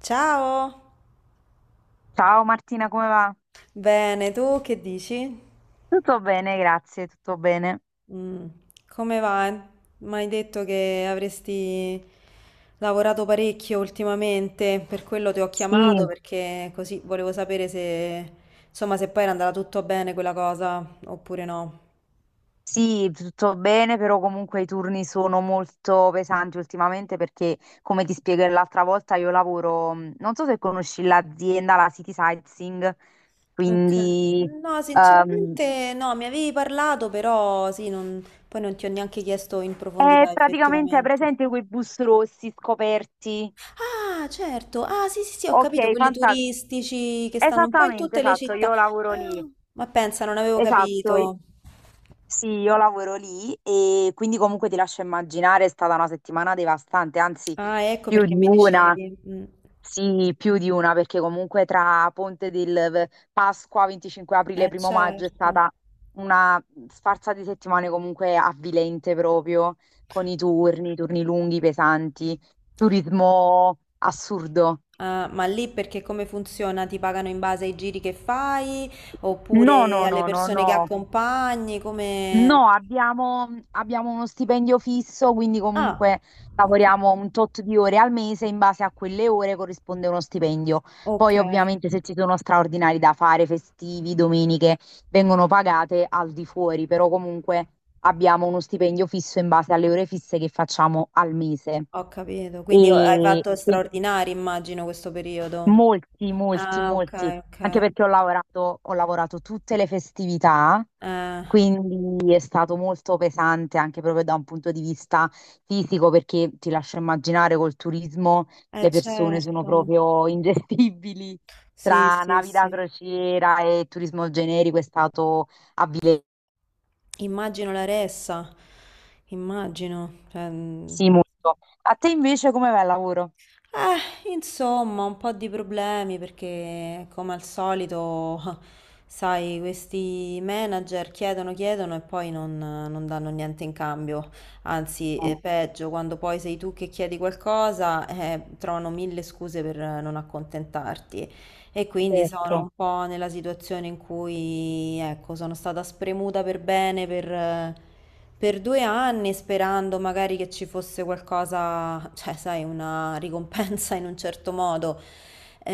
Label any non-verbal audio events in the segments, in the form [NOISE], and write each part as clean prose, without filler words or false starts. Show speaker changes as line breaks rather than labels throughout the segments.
Ciao!
Ciao Martina, come va?
Bene, tu che dici?
Tutto bene, grazie, tutto bene.
Mm, come va? Mi hai detto che avresti lavorato parecchio ultimamente, per quello ti ho chiamato
Sì,
perché così volevo sapere se, insomma, se poi era andata tutto bene quella cosa oppure no.
sì, tutto bene, però comunque i turni sono molto pesanti ultimamente perché, come ti spiego l'altra volta, io lavoro, non so se conosci l'azienda, la City Sightseeing,
Ok.
quindi
No,
ehm,
sinceramente no, mi avevi parlato, però sì, non- poi non ti ho neanche chiesto in
è
profondità
praticamente, hai
effettivamente.
presente quei bus rossi scoperti.
Ah, certo. Ah, sì, sì, sì, ho capito,
Ok,
quelli
fantastico.
turistici che stanno un po' in
Esattamente,
tutte le
esatto,
città.
io lavoro lì.
Ah, ma pensa, non avevo
Esatto,
capito.
sì, io lavoro lì e quindi comunque ti lascio immaginare, è stata una settimana devastante, anzi
Ah, ecco
più
perché
di
mi
una,
dicevi. Mm.
sì, più di una, perché comunque tra Pasqua, 25 aprile, primo maggio è
Certo.
stata una sfarza di settimane comunque avvilente proprio, con i turni, turni lunghi, pesanti, turismo assurdo.
Ah, ma lì perché come funziona? Ti pagano in base ai giri che fai
No,
oppure
no,
alle
no, no,
persone che
no.
accompagni? Come...
No, abbiamo uno stipendio fisso, quindi comunque
Ah, ok.
lavoriamo un tot di ore al mese, in base a quelle ore corrisponde uno stipendio.
Ok,
Poi ovviamente se ci sono straordinari da fare, festivi, domeniche, vengono pagate al di fuori, però comunque abbiamo uno stipendio fisso in base alle ore fisse che facciamo al mese.
ho capito. Quindi hai
E
fatto
e
straordinari, immagino, questo periodo.
molti, molti,
Ah,
molti,
ok,
anche
ok.
perché ho lavorato tutte le festività.
Eh,
Quindi è stato molto pesante anche proprio da un punto di vista fisico, perché ti lascio immaginare col turismo
eh
le persone sono
certo,
proprio ingestibili,
sì,
tra
sì,
navi da
sì.
crociera e turismo generico, è stato
Immagino la ressa, immagino. Cioè, mm.
sì molto. A te invece come va il lavoro?
Insomma, un po' di problemi perché come al solito, [LAUGHS] sai, questi manager chiedono, chiedono e poi non danno niente in cambio. Anzi, è
Ah,
peggio, quando poi sei tu che chiedi qualcosa, trovano mille scuse per non accontentarti. E quindi sono
certo.
un po' nella situazione in cui, ecco, sono stata spremuta per bene per 2 anni sperando magari che ci fosse qualcosa, cioè, sai, una ricompensa in un certo modo.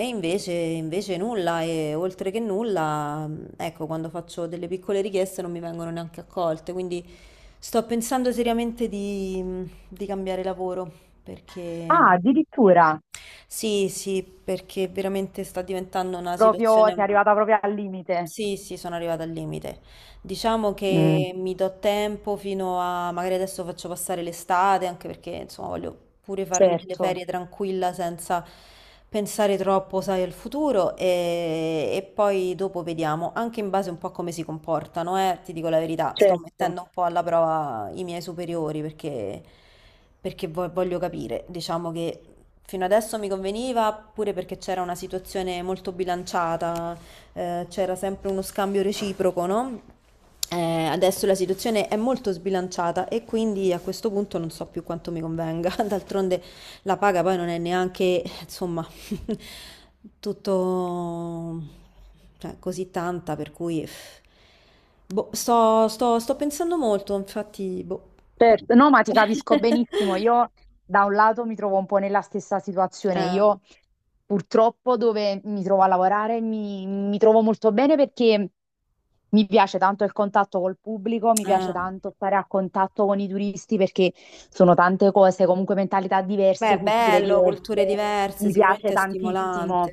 E invece, invece nulla, e oltre che nulla, ecco, quando faccio delle piccole richieste non mi vengono neanche accolte, quindi sto pensando seriamente di cambiare lavoro, perché
Ah, addirittura,
sì, sì, perché veramente sta diventando una
proprio sei
situazione...
arrivata proprio al limite.
Sì, sì, sono arrivata al limite. Diciamo
Mm,
che mi do tempo fino a, magari adesso faccio passare l'estate, anche perché insomma voglio pure farmi delle
certo,
ferie tranquilla senza pensare troppo, sai, al futuro e poi dopo vediamo, anche in base un po' a come si comportano, ti dico la verità, sto
certo.
mettendo un po' alla prova i miei superiori perché, perché voglio capire, diciamo che fino adesso mi conveniva pure perché c'era una situazione molto bilanciata, c'era sempre uno scambio reciproco, no? Adesso la situazione è molto sbilanciata e quindi a questo punto non so più quanto mi convenga. [LAUGHS] D'altronde la paga poi non è neanche, insomma, [LAUGHS] tutto cioè, così tanta, per cui pff, boh, sto pensando molto, infatti, boh.
Certo, no, ma ti capisco benissimo.
[LAUGHS]
Io Da un lato mi trovo un po' nella stessa situazione.
Eh,
Io purtroppo dove mi trovo a lavorare mi trovo molto bene perché mi piace tanto il contatto col pubblico, mi piace
eh.
tanto stare a contatto con i turisti, perché sono tante cose, comunque mentalità
Beh,
diverse,
è
culture
bello, culture
diverse.
diverse,
Mi piace
sicuramente è stimolante,
tantissimo.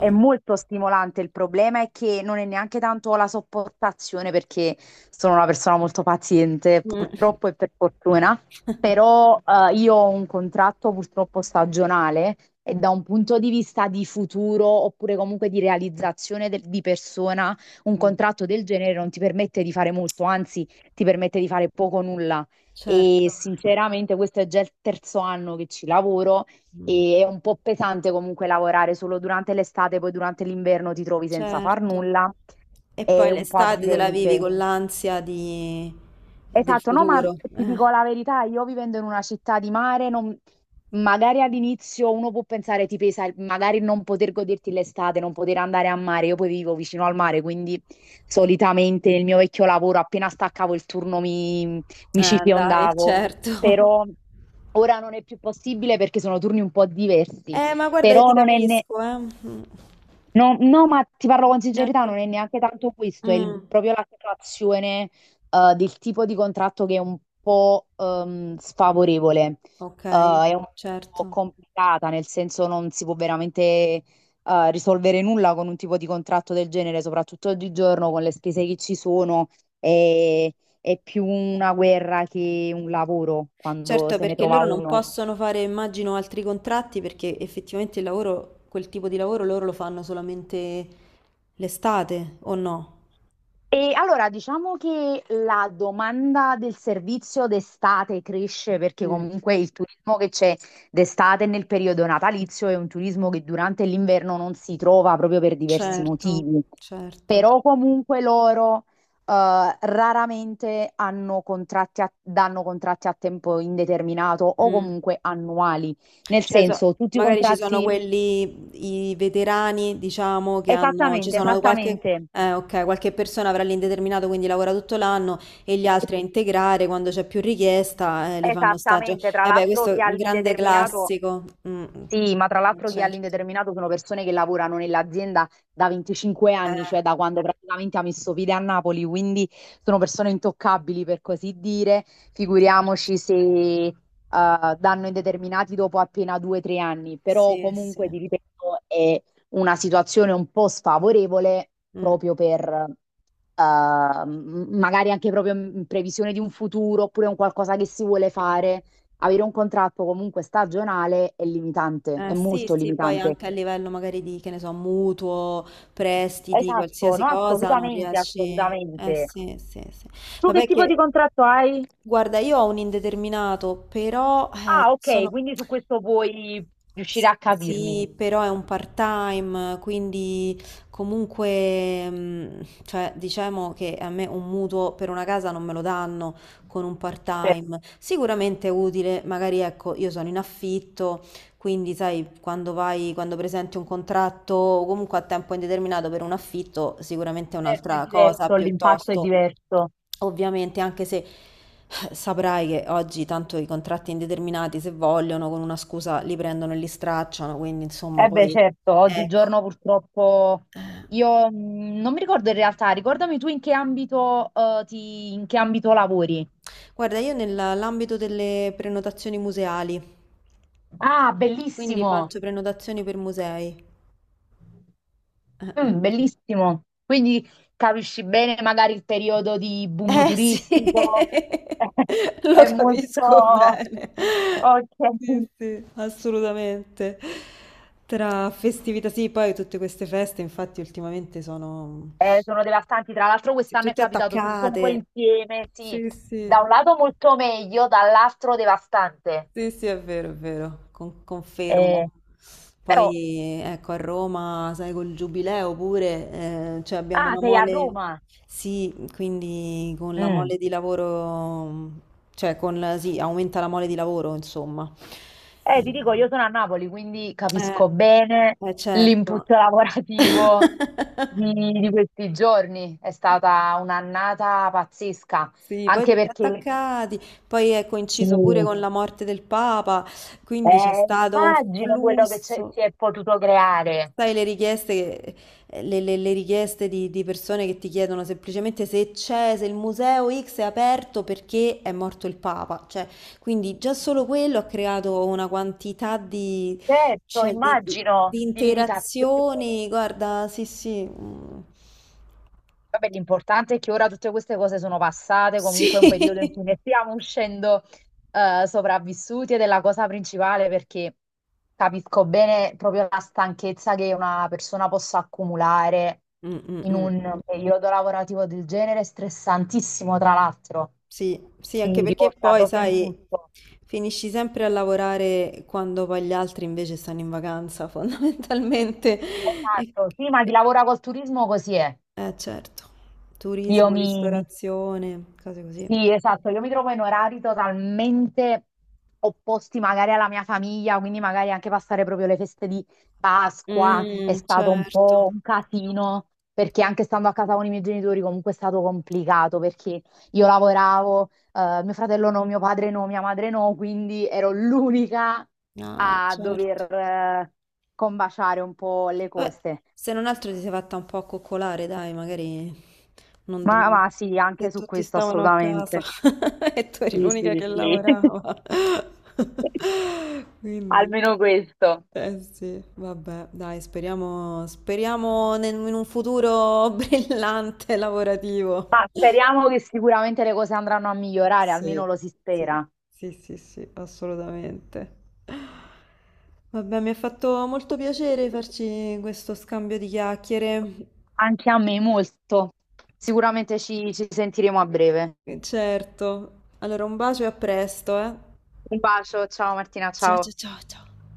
È molto stimolante, il problema è che non è neanche tanto la sopportazione, perché sono una persona molto paziente,
Mm.
purtroppo e per fortuna,
[LAUGHS]
però io ho un contratto purtroppo stagionale e da un punto di vista di futuro oppure comunque di realizzazione di persona, un
Mm.
contratto del genere non ti permette di fare molto, anzi ti permette di fare poco o nulla. E
Certo.
sinceramente questo è già il terzo anno che ci lavoro.
Mm.
È un po' pesante comunque lavorare solo durante l'estate, poi durante l'inverno ti trovi senza far
Certo.
nulla.
E
È
poi
un po'
l'estate te la vivi
avvilente.
con l'ansia di... del
Esatto, no, ma
futuro.
ti dico la verità, io vivendo in una città di mare, magari all'inizio uno può pensare ti pesa magari non poter goderti l'estate, non poter andare a mare. Io poi vivo vicino al mare, quindi solitamente nel mio vecchio lavoro appena staccavo il turno mi ci
Dai,
fiondavo.
certo. [LAUGHS]
Però ora non è più possibile perché sono turni un po' diversi,
Ma guarda, io ti
però non è ne-
capisco, eh. Mm.
no, no, ma ti parlo con sincerità,
Neanche...
non è neanche tanto questo, è
Mm.
proprio la situazione del tipo di contratto che è un po' sfavorevole.
Ok,
È un po'
certo.
complicata, nel senso non si può veramente risolvere nulla con un tipo di contratto del genere, soprattutto oggigiorno con le spese che ci sono. È, è più una guerra che un lavoro quando
Certo,
se ne
perché
trova
loro non
uno.
possono fare, immagino, altri contratti perché effettivamente il lavoro, quel tipo di lavoro loro lo fanno solamente l'estate, o no?
E allora diciamo che la domanda del servizio d'estate cresce, perché
Mm,
comunque il turismo che c'è d'estate nel periodo natalizio è un turismo che durante l'inverno non si trova proprio per diversi
certo,
motivi,
certo.
però comunque loro raramente danno contratti a tempo indeterminato o
Mm.
comunque annuali, nel
Cioè, so-
senso tutti i
Magari ci sono
contratti,
quelli, i veterani, diciamo, che hanno, ci
esattamente,
sono qualche,
esattamente.
ok, qualche persona avrà l'indeterminato, quindi lavora tutto l'anno, e gli altri a integrare quando c'è più richiesta, li fanno stagio.
Esattamente, tra
Eh beh,
l'altro
questo
chi
è
ha
un grande
l'indeterminato,
classico. Mm, mm,
sì, ma tra l'altro chi è
certo.
all'indeterminato sono persone che lavorano nell'azienda da 25 anni,
Eh,
cioè da quando praticamente ha messo piede a Napoli, quindi sono persone intoccabili, per così dire.
certo.
Figuriamoci se danno indeterminati dopo appena due o tre anni, però
Sì, sì.
comunque ti ripeto, è una situazione un po' sfavorevole
Mh.
proprio per magari anche proprio in previsione di un futuro oppure un qualcosa che si vuole fare, avere un contratto comunque stagionale è limitante, è
Sì,
molto
sì, poi
limitante.
anche a livello magari di, che ne so, mutuo, prestiti,
Esatto,
qualsiasi
no,
cosa, non
assolutamente,
riesci... Eh
assolutamente.
sì, sì, sì.
Tu che
Vabbè
tipo di
che,
contratto hai?
guarda, io ho un indeterminato, però
Ah, ok,
sono...
quindi su questo puoi riuscire a capirmi.
Sì, però è un part-time, quindi comunque, mm, cioè, diciamo che a me un mutuo per una casa non me lo danno con un
Certo.
part-time. Sicuramente è utile, magari ecco, io sono in affitto. Quindi, sai, quando vai, quando presenti un contratto o comunque a tempo indeterminato per un affitto, sicuramente è
Certo, è
un'altra cosa
diverso, l'impatto è
piuttosto.
diverso.
Ovviamente, anche se saprai che oggi tanto i contratti indeterminati, se vogliono, con una scusa li prendono e li stracciano, quindi insomma,
Eh beh,
poi
certo,
ecco.
oggigiorno purtroppo
Eh,
io non mi ricordo in realtà, ricordami tu in che ambito, in che ambito lavori.
guarda, io nell'ambito delle prenotazioni museali,
Ah,
quindi
bellissimo!
faccio prenotazioni per musei. Eh.
Mm, bellissimo. Quindi capisci bene magari il periodo di boom
Eh sì,
turistico. [LAUGHS]
[LAUGHS] lo
È
capisco
molto...
bene. Sì,
Ok.
sì, assolutamente. Tra festività, sì, poi tutte queste feste, infatti, ultimamente sono
Sono devastanti. Tra l'altro
sì,
quest'anno è
tutte
capitato tutto un po'
attaccate.
insieme, sì.
Sì, sì.
Da un lato molto meglio, dall'altro devastante.
Sì, sì, è vero,
Eh,
confermo.
però...
Poi ecco, a Roma, sai, col giubileo pure, cioè abbiamo
Ah,
una
sei a
mole,
Roma.
sì, quindi con la
Mm.
mole di lavoro, cioè con, sì, aumenta la mole di lavoro, insomma.
Ti dico,
Eh,
io sono a Napoli, quindi
eh,
capisco bene l'input [LAUGHS]
certo.
lavorativo di,
[LAUGHS]
di questi giorni. È stata un'annata pazzesca,
Sì, poi
anche
tutti
perché
attaccati, poi è coinciso pure
sì,
con la morte del Papa, quindi c'è stato un
immagino quello si
flusso.
è potuto creare.
Sai, le richieste, le richieste di persone che ti chiedono semplicemente se c'è, se il museo X è aperto perché è morto il Papa. Cioè, quindi già solo quello ha creato una quantità di,
Certo,
cioè,
immagino
di
di limitazioni.
interazioni. Guarda, sì, sì. Mm.
Vabbè, l'importante è che ora tutte queste cose sono passate,
Sì.
comunque è un periodo in
[LAUGHS]
cui ne stiamo uscendo sopravvissuti, ed è la cosa principale, perché capisco bene proprio la stanchezza che una persona possa accumulare
Mm, mm,
in
mm.
un periodo lavorativo del genere, stressantissimo tra l'altro,
Sì, sì, anche
quindi
perché
porta
poi,
proprio in
sai,
tutto.
finisci sempre a lavorare quando poi gli altri invece stanno in vacanza, [LAUGHS] fondamentalmente. E,
Esatto, sì, ma chi lavora col turismo così è.
certo,
Io
turismo,
mi, mi
ristorazione, cose così.
Sì, esatto, io mi trovo in orari totalmente opposti magari alla mia famiglia, quindi magari anche passare proprio le feste di Pasqua è
Mm,
stato un
certo,
po' un casino, perché anche stando a casa con i miei genitori comunque è stato complicato, perché io lavoravo, mio fratello no, mio padre no, mia madre no, quindi ero l'unica
ah,
a dover,
certo.
combaciare un po' le
Vabbè,
cose.
se non altro ti sei fatta un po' accoccolare, dai, magari non...
Ma,
non-
ma sì, anche
se
su
tutti
questo
stavano a casa
assolutamente.
[LAUGHS] e tu eri
Sì,
l'unica
sì,
che
sì.
lavorava.
[LAUGHS]
[LAUGHS] Quindi,
Almeno questo.
eh sì, vabbè, dai, speriamo, speriamo in un futuro [LAUGHS] brillante lavorativo.
Ma speriamo che sicuramente le cose andranno a migliorare,
Sì,
almeno lo si
sì,
spera.
sì, sì, sì, assolutamente. Vabbè, mi ha fatto molto piacere farci questo scambio di chiacchiere.
Anche a me molto. Sicuramente ci sentiremo a breve.
Certo. Allora, un bacio e a presto, eh.
Un bacio, ciao Martina,
Ciao ciao
ciao.
ciao ciao.